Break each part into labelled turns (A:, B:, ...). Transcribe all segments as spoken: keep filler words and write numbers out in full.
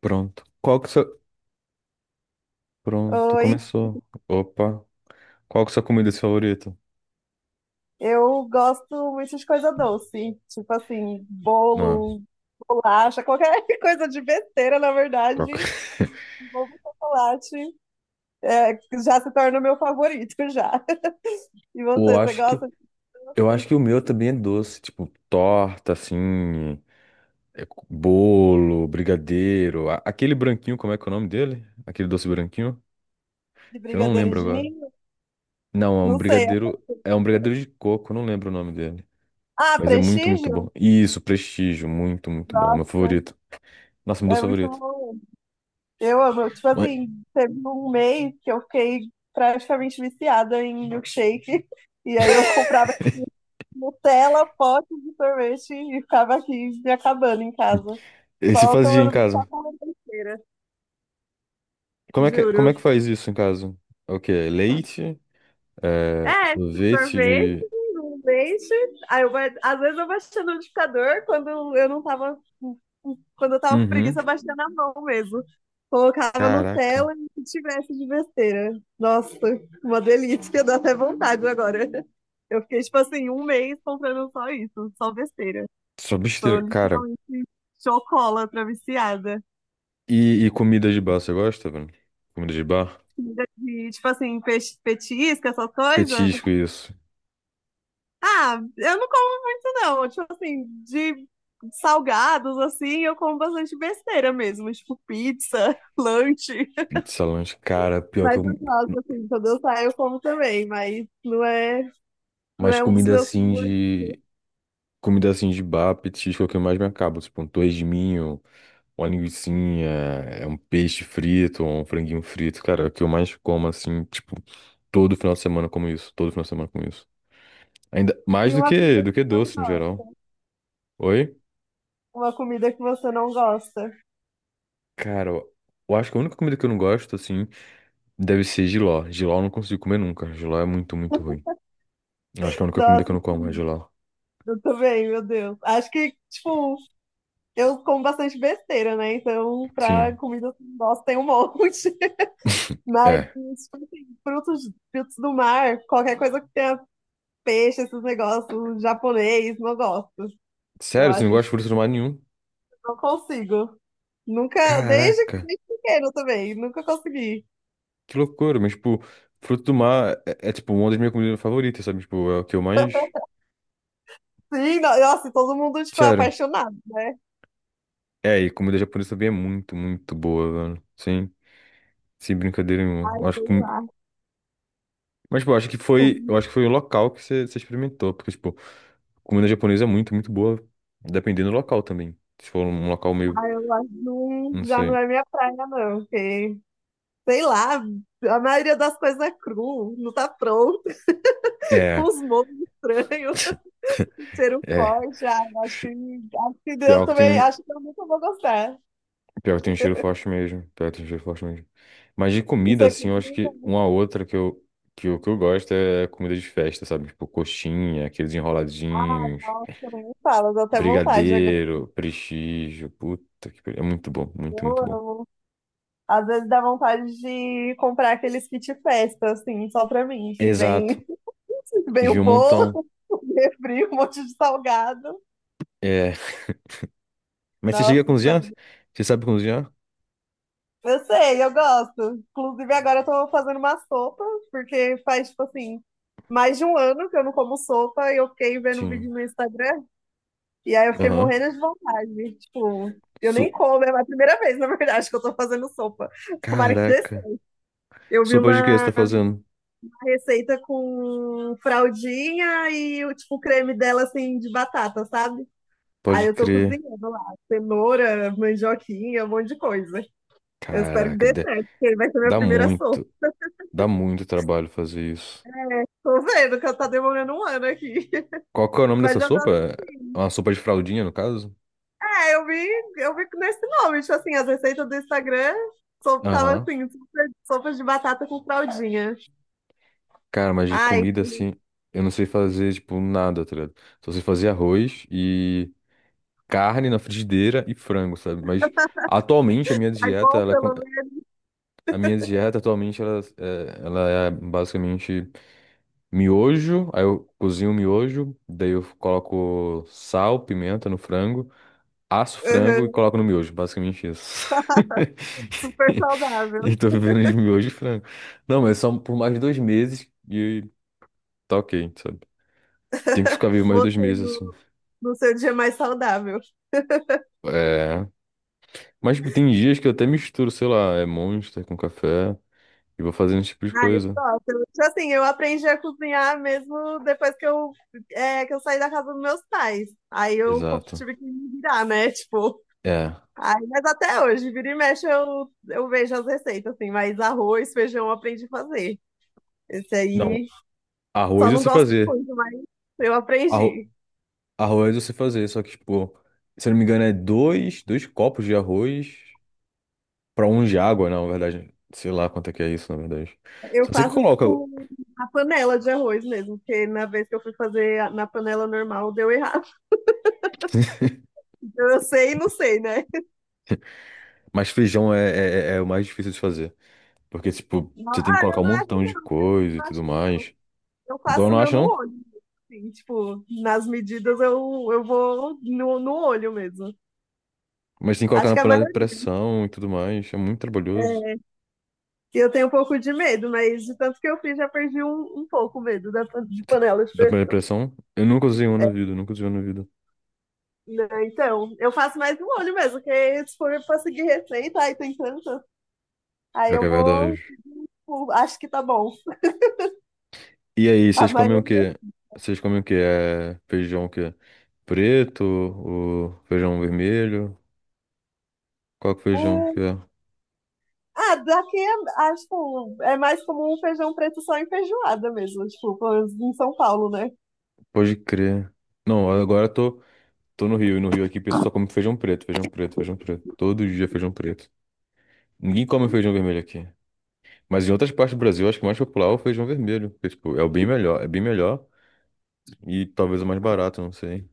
A: Pronto. Qual que sua... Pronto,
B: Oi,
A: começou. Opa. Qual que é sua comida favorita?
B: eu gosto muito de coisa doce, tipo assim,
A: Não,
B: bolo, bolacha, qualquer coisa de besteira, na
A: troca.
B: verdade, bolo de chocolate, é, já se torna o meu favorito já. E
A: Eu
B: você, você
A: acho que
B: gosta de
A: eu acho
B: doce,
A: que o meu também é doce, tipo torta assim, é co- bolo, brigadeiro, A- aquele branquinho, como é que é o nome dele? Aquele doce branquinho
B: de
A: que eu não
B: brigadeiro
A: lembro
B: de
A: agora.
B: ninho?
A: Não, é um
B: Não sei.
A: brigadeiro, é um brigadeiro de coco, eu não lembro o nome dele,
B: Ah,
A: mas é muito, muito
B: Prestígio?
A: bom. Isso, Prestígio, muito, muito bom, meu
B: Nossa,
A: favorito. Nossa, meu doce
B: é muito
A: favorito.
B: bom. Eu amo, tipo
A: Mas-
B: assim, teve um mês que eu fiquei praticamente viciada em milkshake, e aí eu comprava Nutella, pote de sorvete e ficava aqui me acabando em casa.
A: esse
B: Só
A: fazia em
B: tomando pipoca
A: casa?
B: na besteira,
A: Como é que, é, como
B: juro.
A: é que faz isso em casa? É, o quê? Leite? É,
B: É,
A: sorvete?
B: sorvete,
A: e-
B: um leite. Aí eu, ba- às vezes eu baixei no liquidificador quando eu não tava. Quando eu tava com
A: Uhum.
B: preguiça, eu baixei na mão mesmo. Colocava
A: Caraca.
B: Nutella e o tivesse de besteira. Nossa, uma delícia, dá até vontade agora. Eu fiquei, tipo assim, um mês comprando só isso, só besteira.
A: Só
B: Sou
A: besteira. Cara,
B: literalmente chocólatra viciada.
A: e, e comida de bar, você gosta, mano? Comida de bar?
B: Comida de, tipo assim, peixe, petisco, essas coisas.
A: Petisco, isso.
B: Ah, eu não como, não. Tipo assim, de salgados, assim, eu como bastante besteira mesmo. Tipo, pizza, lanche.
A: Pizza, lanche. Cara, pior que
B: Mas eu
A: eu...
B: gosto, assim, quando eu saio, eu como também. Mas não é, não
A: Mas
B: é um dos
A: comida
B: meus
A: assim
B: sabores.
A: de... Comida assim de bar, petisco é o que eu mais me acabo. Tipo, um torresminho, de minho, uma linguicinha, é um peixe frito, um franguinho frito. Cara, é o que eu mais como, assim, tipo... Todo final de semana eu como isso. Todo final de semana eu como isso. Ainda mais
B: E
A: do
B: uma
A: que
B: comida
A: do
B: que
A: que
B: eu não
A: doce no
B: gosto.
A: geral. Oi?
B: Uma comida que você não gosta.
A: Cara, eu eu acho que a única comida que eu não gosto, assim, deve ser jiló. Jiló eu não consigo comer nunca. Jiló é muito, muito ruim. Eu acho que é a única comida
B: Nossa,
A: que eu não como é jiló.
B: eu também, meu Deus. Acho que, tipo, eu como bastante besteira, né? Então, pra
A: Sim.
B: comida nossa tem um monte. Mas,
A: É.
B: tipo assim, frutos, frutos do mar, qualquer coisa que tenha peixe, esses negócios japonês, não gosto. Eu
A: Sério, você não
B: acho,
A: gosta de
B: tipo,
A: frutos do mar nenhum?
B: não consigo. Nunca, desde,
A: Caraca,
B: desde pequeno também, nunca consegui.
A: que loucura. Mas, tipo, fruto do mar é, é, tipo, uma das minhas comidas favoritas, sabe? Tipo, é o que eu mais.
B: Sim, no- Nossa, e todo mundo, tipo, é
A: Sério.
B: apaixonado, né?
A: É, e comida japonesa também é muito, muito boa, mano. Sem, sem brincadeira nenhuma.
B: Ai,
A: Eu acho
B: sei
A: que...
B: lá.
A: Mas, tipo, eu acho que
B: Tipo,
A: foi, eu acho que foi o local que você você experimentou, porque, tipo, comida japonesa é muito, muito boa, dependendo do local também. Se for um local meio,
B: ai, eu acho que não,
A: não
B: já não
A: sei.
B: é minha praia, não. Porque, sei lá, a maioria das coisas é cru, não tá pronto.
A: É,
B: Os monstros estranhos, ser um
A: é.
B: forte. Ah, acho que,
A: Ch-
B: acho que eu
A: Pior que tem
B: também,
A: um,
B: acho que eu nunca vou gostar.
A: pior que tem um cheiro forte mesmo. Pior que tem um cheiro forte mesmo. Mas de
B: Isso
A: comida,
B: aqui,
A: assim, eu acho que uma outra que eu, que eu, que eu gosto é comida de festa, sabe? Tipo, coxinha, aqueles
B: ai,
A: enroladinhos,
B: nossa, nem fala, dá até vontade agora.
A: brigadeiro, prestígio. Puta que pariu. É muito bom, muito,
B: Eu
A: muito bom.
B: amo. Às vezes dá vontade de comprar aqueles kit festa, assim, só pra mim, que
A: Exato.
B: vem, vem o
A: Vi um
B: bolo,
A: montão.
B: o refri, um monte de salgado.
A: É. Mas você chega a
B: Nossa,
A: cozinhar? Você sabe cozinhar?
B: eu sei, eu gosto. Inclusive, agora eu tô fazendo uma sopa, porque faz, tipo assim, mais de um ano que eu não como sopa e eu fiquei vendo
A: Sim.
B: vídeo no Instagram. E aí eu fiquei
A: Aham.
B: morrendo de vontade. Tipo, eu nem
A: Su-
B: como, é a primeira vez, na verdade, que eu tô fazendo sopa. Tomara que dê
A: Caraca.
B: certo. Eu vi
A: Sopa de que você
B: uma
A: tá fazendo?
B: receita com fraldinha e o tipo, o creme dela, assim, de batata, sabe? Aí
A: Pode
B: eu tô
A: crer.
B: cozinhando lá, cenoura, mandioquinha, um monte de coisa. Eu espero que
A: Caraca,
B: dê
A: dá
B: certo, porque vai ser minha
A: dá
B: primeira sopa.
A: muito, dá muito trabalho fazer isso.
B: Tô vendo que eu tá demorando um ano aqui.
A: Qual que é o nome dessa
B: Mas eu, tô-
A: sopa? É uma sopa de fraldinha, no caso?
B: é, eu vi, eu vi nesse nome, tipo assim, as receitas do Instagram so, tava
A: Aham.
B: assim, sopa, sopa de batata com fraldinha.
A: Cara, mas de
B: Ai,
A: comida assim, eu não sei fazer, tipo, nada, tá ligado? Só sei fazer arroz e carne na frigideira e frango, sabe? Mas atualmente a minha
B: ai
A: dieta,
B: bom
A: ela,
B: pelo
A: con-
B: menos.
A: a minha dieta atualmente, ela, é- ela é basicamente miojo. Aí eu cozinho o miojo, daí eu coloco sal, pimenta no frango, asso o frango e
B: Uhum,
A: coloco no miojo, basicamente isso.
B: super saudável.
A: E tô vivendo de miojo e frango. Não, mas só por mais dois meses e tá ok, sabe? Tem que ficar vivo mais dois
B: Você
A: meses assim.
B: no, no seu dia mais saudável.
A: É. Mas tipo, tem dias que eu até misturo, sei lá, é Monster com café e vou fazendo esse tipo de
B: Ai, eu
A: coisa.
B: gosto. Eu, Tipo assim, eu aprendi a cozinhar mesmo depois que eu, é, que eu saí da casa dos meus pais. Aí eu co-
A: Exato.
B: tive que me virar, né? Tipo,
A: É.
B: ai, mas até hoje, vira e mexe, eu, eu vejo as receitas, assim, mas arroz, feijão eu aprendi a fazer. Esse
A: Não,
B: aí só
A: arroz eu
B: não
A: sei
B: gosto
A: fazer.
B: muito, mas eu
A: Arro...
B: aprendi.
A: Arroz eu sei fazer, só que, tipo, se eu não me engano, é dois, dois copos de arroz pra um de água, não, na verdade. Sei lá quanto é que é isso, na verdade.
B: Eu
A: Só sei que
B: faço
A: coloca,
B: com a panela de arroz mesmo, porque na vez que eu fui fazer a- na panela normal deu errado. Então, eu sei e não sei, né?
A: mas feijão é, é, é é o mais difícil de fazer. Porque, tipo, você tem que
B: Ah,
A: colocar
B: eu
A: um
B: não acho que
A: montão de
B: não, eu
A: coisa e
B: não
A: tudo
B: acho que não.
A: mais.
B: Eu
A: Então eu
B: faço o
A: não
B: meu
A: acho,
B: no
A: não.
B: olho, assim, tipo, nas medidas eu, eu vou no, no olho mesmo.
A: Mas tem que colocar
B: Acho
A: na
B: que a
A: panela de
B: maioria
A: pressão e tudo mais. É muito trabalhoso.
B: que eu tenho um pouco de medo, mas de tanto que eu fiz, já perdi um, um pouco o medo da, pan- de
A: Tu-
B: panela de
A: Da panela de
B: pressão.
A: pressão, eu nunca usei uma na vida, nunca usei uma na vida.
B: Né? Então, eu faço mais um olho mesmo, porque se for pra seguir receita, aí tem tanto, aí
A: Pior que
B: eu
A: é
B: vou.
A: verdade.
B: Tipo, acho que tá bom.
A: E aí,
B: A
A: vocês comem o
B: maioria.
A: quê? Vocês comem o quê? É feijão o quê? Preto, o feijão vermelho? Qual que é o feijão que
B: Hum,
A: é?
B: Ah, daqui é, ah, tipo, é mais comum o feijão preto só em feijoada mesmo, tipo, pelo menos em São Paulo, né?
A: Pode crer. Não, agora eu tô, tô no Rio, e no Rio aqui o pessoal só come feijão preto, feijão preto, feijão preto. Todo dia feijão preto. Ninguém come feijão vermelho aqui. Mas em outras partes do Brasil, acho que o mais popular é o feijão vermelho. Porque, tipo, é o bem melhor, é bem melhor e talvez o mais barato, não sei.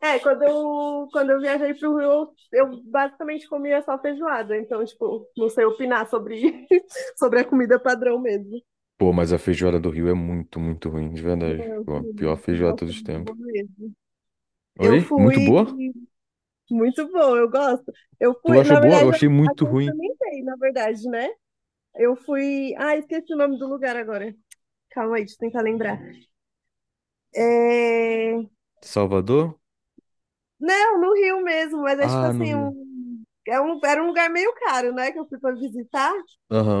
B: É, quando eu, quando eu viajei pro Rio, eu basicamente comia só feijoada, então, tipo, não sei opinar sobre, sobre a comida padrão mesmo.
A: Pô, mas a feijoada do Rio é muito, muito ruim, de verdade.
B: Não,
A: Pô, a pior
B: sim,
A: feijoada de
B: nossa,
A: todos os
B: muito
A: tempos.
B: bom mesmo. Eu
A: Oi? Muito
B: fui
A: boa?
B: muito bom, eu gosto. Eu
A: Tu
B: fui,
A: achou
B: na
A: boa? Eu
B: verdade, a
A: achei
B: a
A: muito
B: gente
A: ruim.
B: também experimentei, na verdade, né? Eu fui. Ah, esqueci o nome do lugar agora. Calma aí, deixa eu tentar lembrar. É...
A: Salvador?
B: Não, no Rio mesmo, mas é tipo
A: Ah, no
B: assim,
A: Rio.
B: um... É um... era um lugar meio caro, né? Que eu fui pra visitar.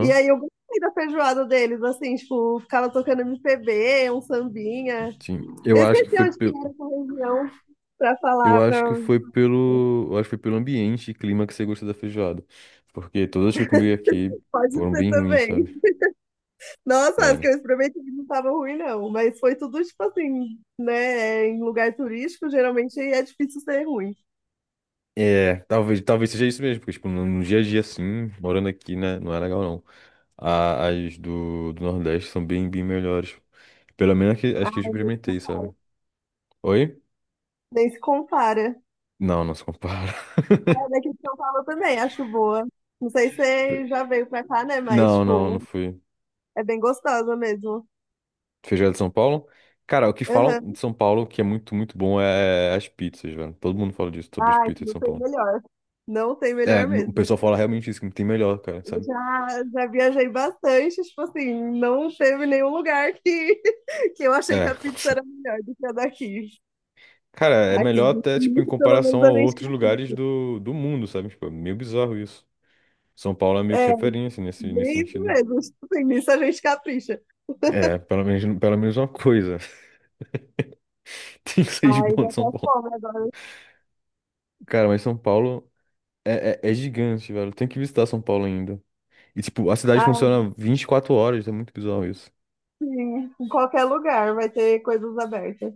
B: E aí eu gostei da feijoada deles, assim, tipo, ficava tocando M P B, um sambinha.
A: sim. Eu
B: Eu
A: acho que
B: esqueci
A: foi
B: onde que era
A: pelo.
B: essa região pra
A: Eu
B: falar, pra
A: acho que foi pelo. Eu acho que foi pelo ambiente e clima que você gostou da feijoada. Porque todas que eu comi aqui
B: pode
A: foram
B: ser
A: bem ruins,
B: também.
A: sabe?
B: Nossa, as que
A: Sério.
B: eu experimentei não estavam ruim, não. Mas foi tudo, tipo assim, né? Em lugar turístico, geralmente é difícil ser ruim.
A: É, talvez, talvez seja isso mesmo, porque, tipo, no, no dia a dia, assim, morando aqui, né, não é legal, não. A- as do, do Nordeste são bem, bem melhores. Pelo menos que, as que eu
B: Ah,
A: experimentei, sabe? Oi?
B: nem se compara.
A: Não, não se compara.
B: A daqui de São Paulo também, acho boa. Não sei se você já veio pra cá, né? Mas,
A: Não, não, não
B: tipo,
A: fui.
B: é bem gostosa mesmo.
A: Feijoada de São Paulo? Cara, o que falam
B: Aham.
A: de São Paulo que é muito, muito bom é as pizzas, velho. Todo mundo fala disso sobre as
B: Ai,
A: pizzas de
B: não
A: São
B: tem
A: Paulo.
B: melhor. Não tem
A: É,
B: melhor
A: n- o
B: mesmo.
A: pessoal fala realmente isso, que não tem melhor, cara,
B: Eu
A: sabe?
B: já, já viajei bastante, tipo assim, não teve nenhum lugar que, que eu achei que
A: É.
B: a pizza era melhor do que a daqui.
A: Cara, é
B: Aqui,
A: melhor até, tipo, em
B: nisso, pelo
A: comparação
B: menos
A: a
B: a gente
A: outros lugares
B: capricha.
A: do, do mundo, sabe? Tipo, é meio bizarro isso. São Paulo é meio que
B: É,
A: referência nesse, nesse
B: bem isso
A: sentido.
B: mesmo. Assim, nisso a gente capricha.
A: É, pelo menos, pelo menos uma coisa. Tem que sair de
B: Ai,
A: bom
B: dá
A: de
B: até
A: São Paulo.
B: fome agora.
A: Cara, mas São Paulo é, é, é gigante, velho. Tem que visitar São Paulo ainda. E, tipo, a cidade
B: Ai,
A: funciona vinte e quatro horas, é muito bizarro isso.
B: sim, em qualquer lugar vai ter coisas abertas.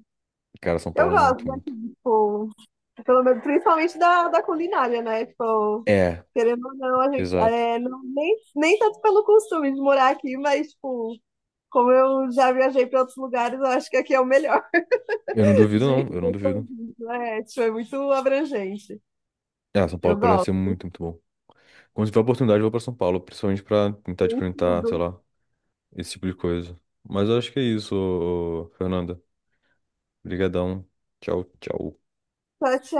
A: Cara, São
B: Eu
A: Paulo é
B: gosto
A: muito,
B: daqui,
A: muito.
B: tipo, pelo menos, principalmente da, da culinária, né? Tipo,
A: É,
B: querendo ou não, a gente,
A: exato.
B: é, não- nem, nem tanto pelo costume de morar aqui, mas, tipo, como eu já viajei para outros lugares, eu acho que aqui é o melhor
A: Eu não duvido,
B: de,
A: não. Eu não
B: de
A: duvido.
B: tudo, né? Tipo, é muito abrangente.
A: Ah, São Paulo
B: Eu
A: parece ser
B: gosto.
A: muito, muito bom. Quando tiver oportunidade, eu vou pra São Paulo, principalmente pra tentar
B: Tem
A: experimentar,
B: tudo.
A: sei lá, esse tipo de coisa. Mas eu acho que é isso, ô- ô, Fernanda. Obrigadão. Tchau, tchau.
B: Tchau, tchau.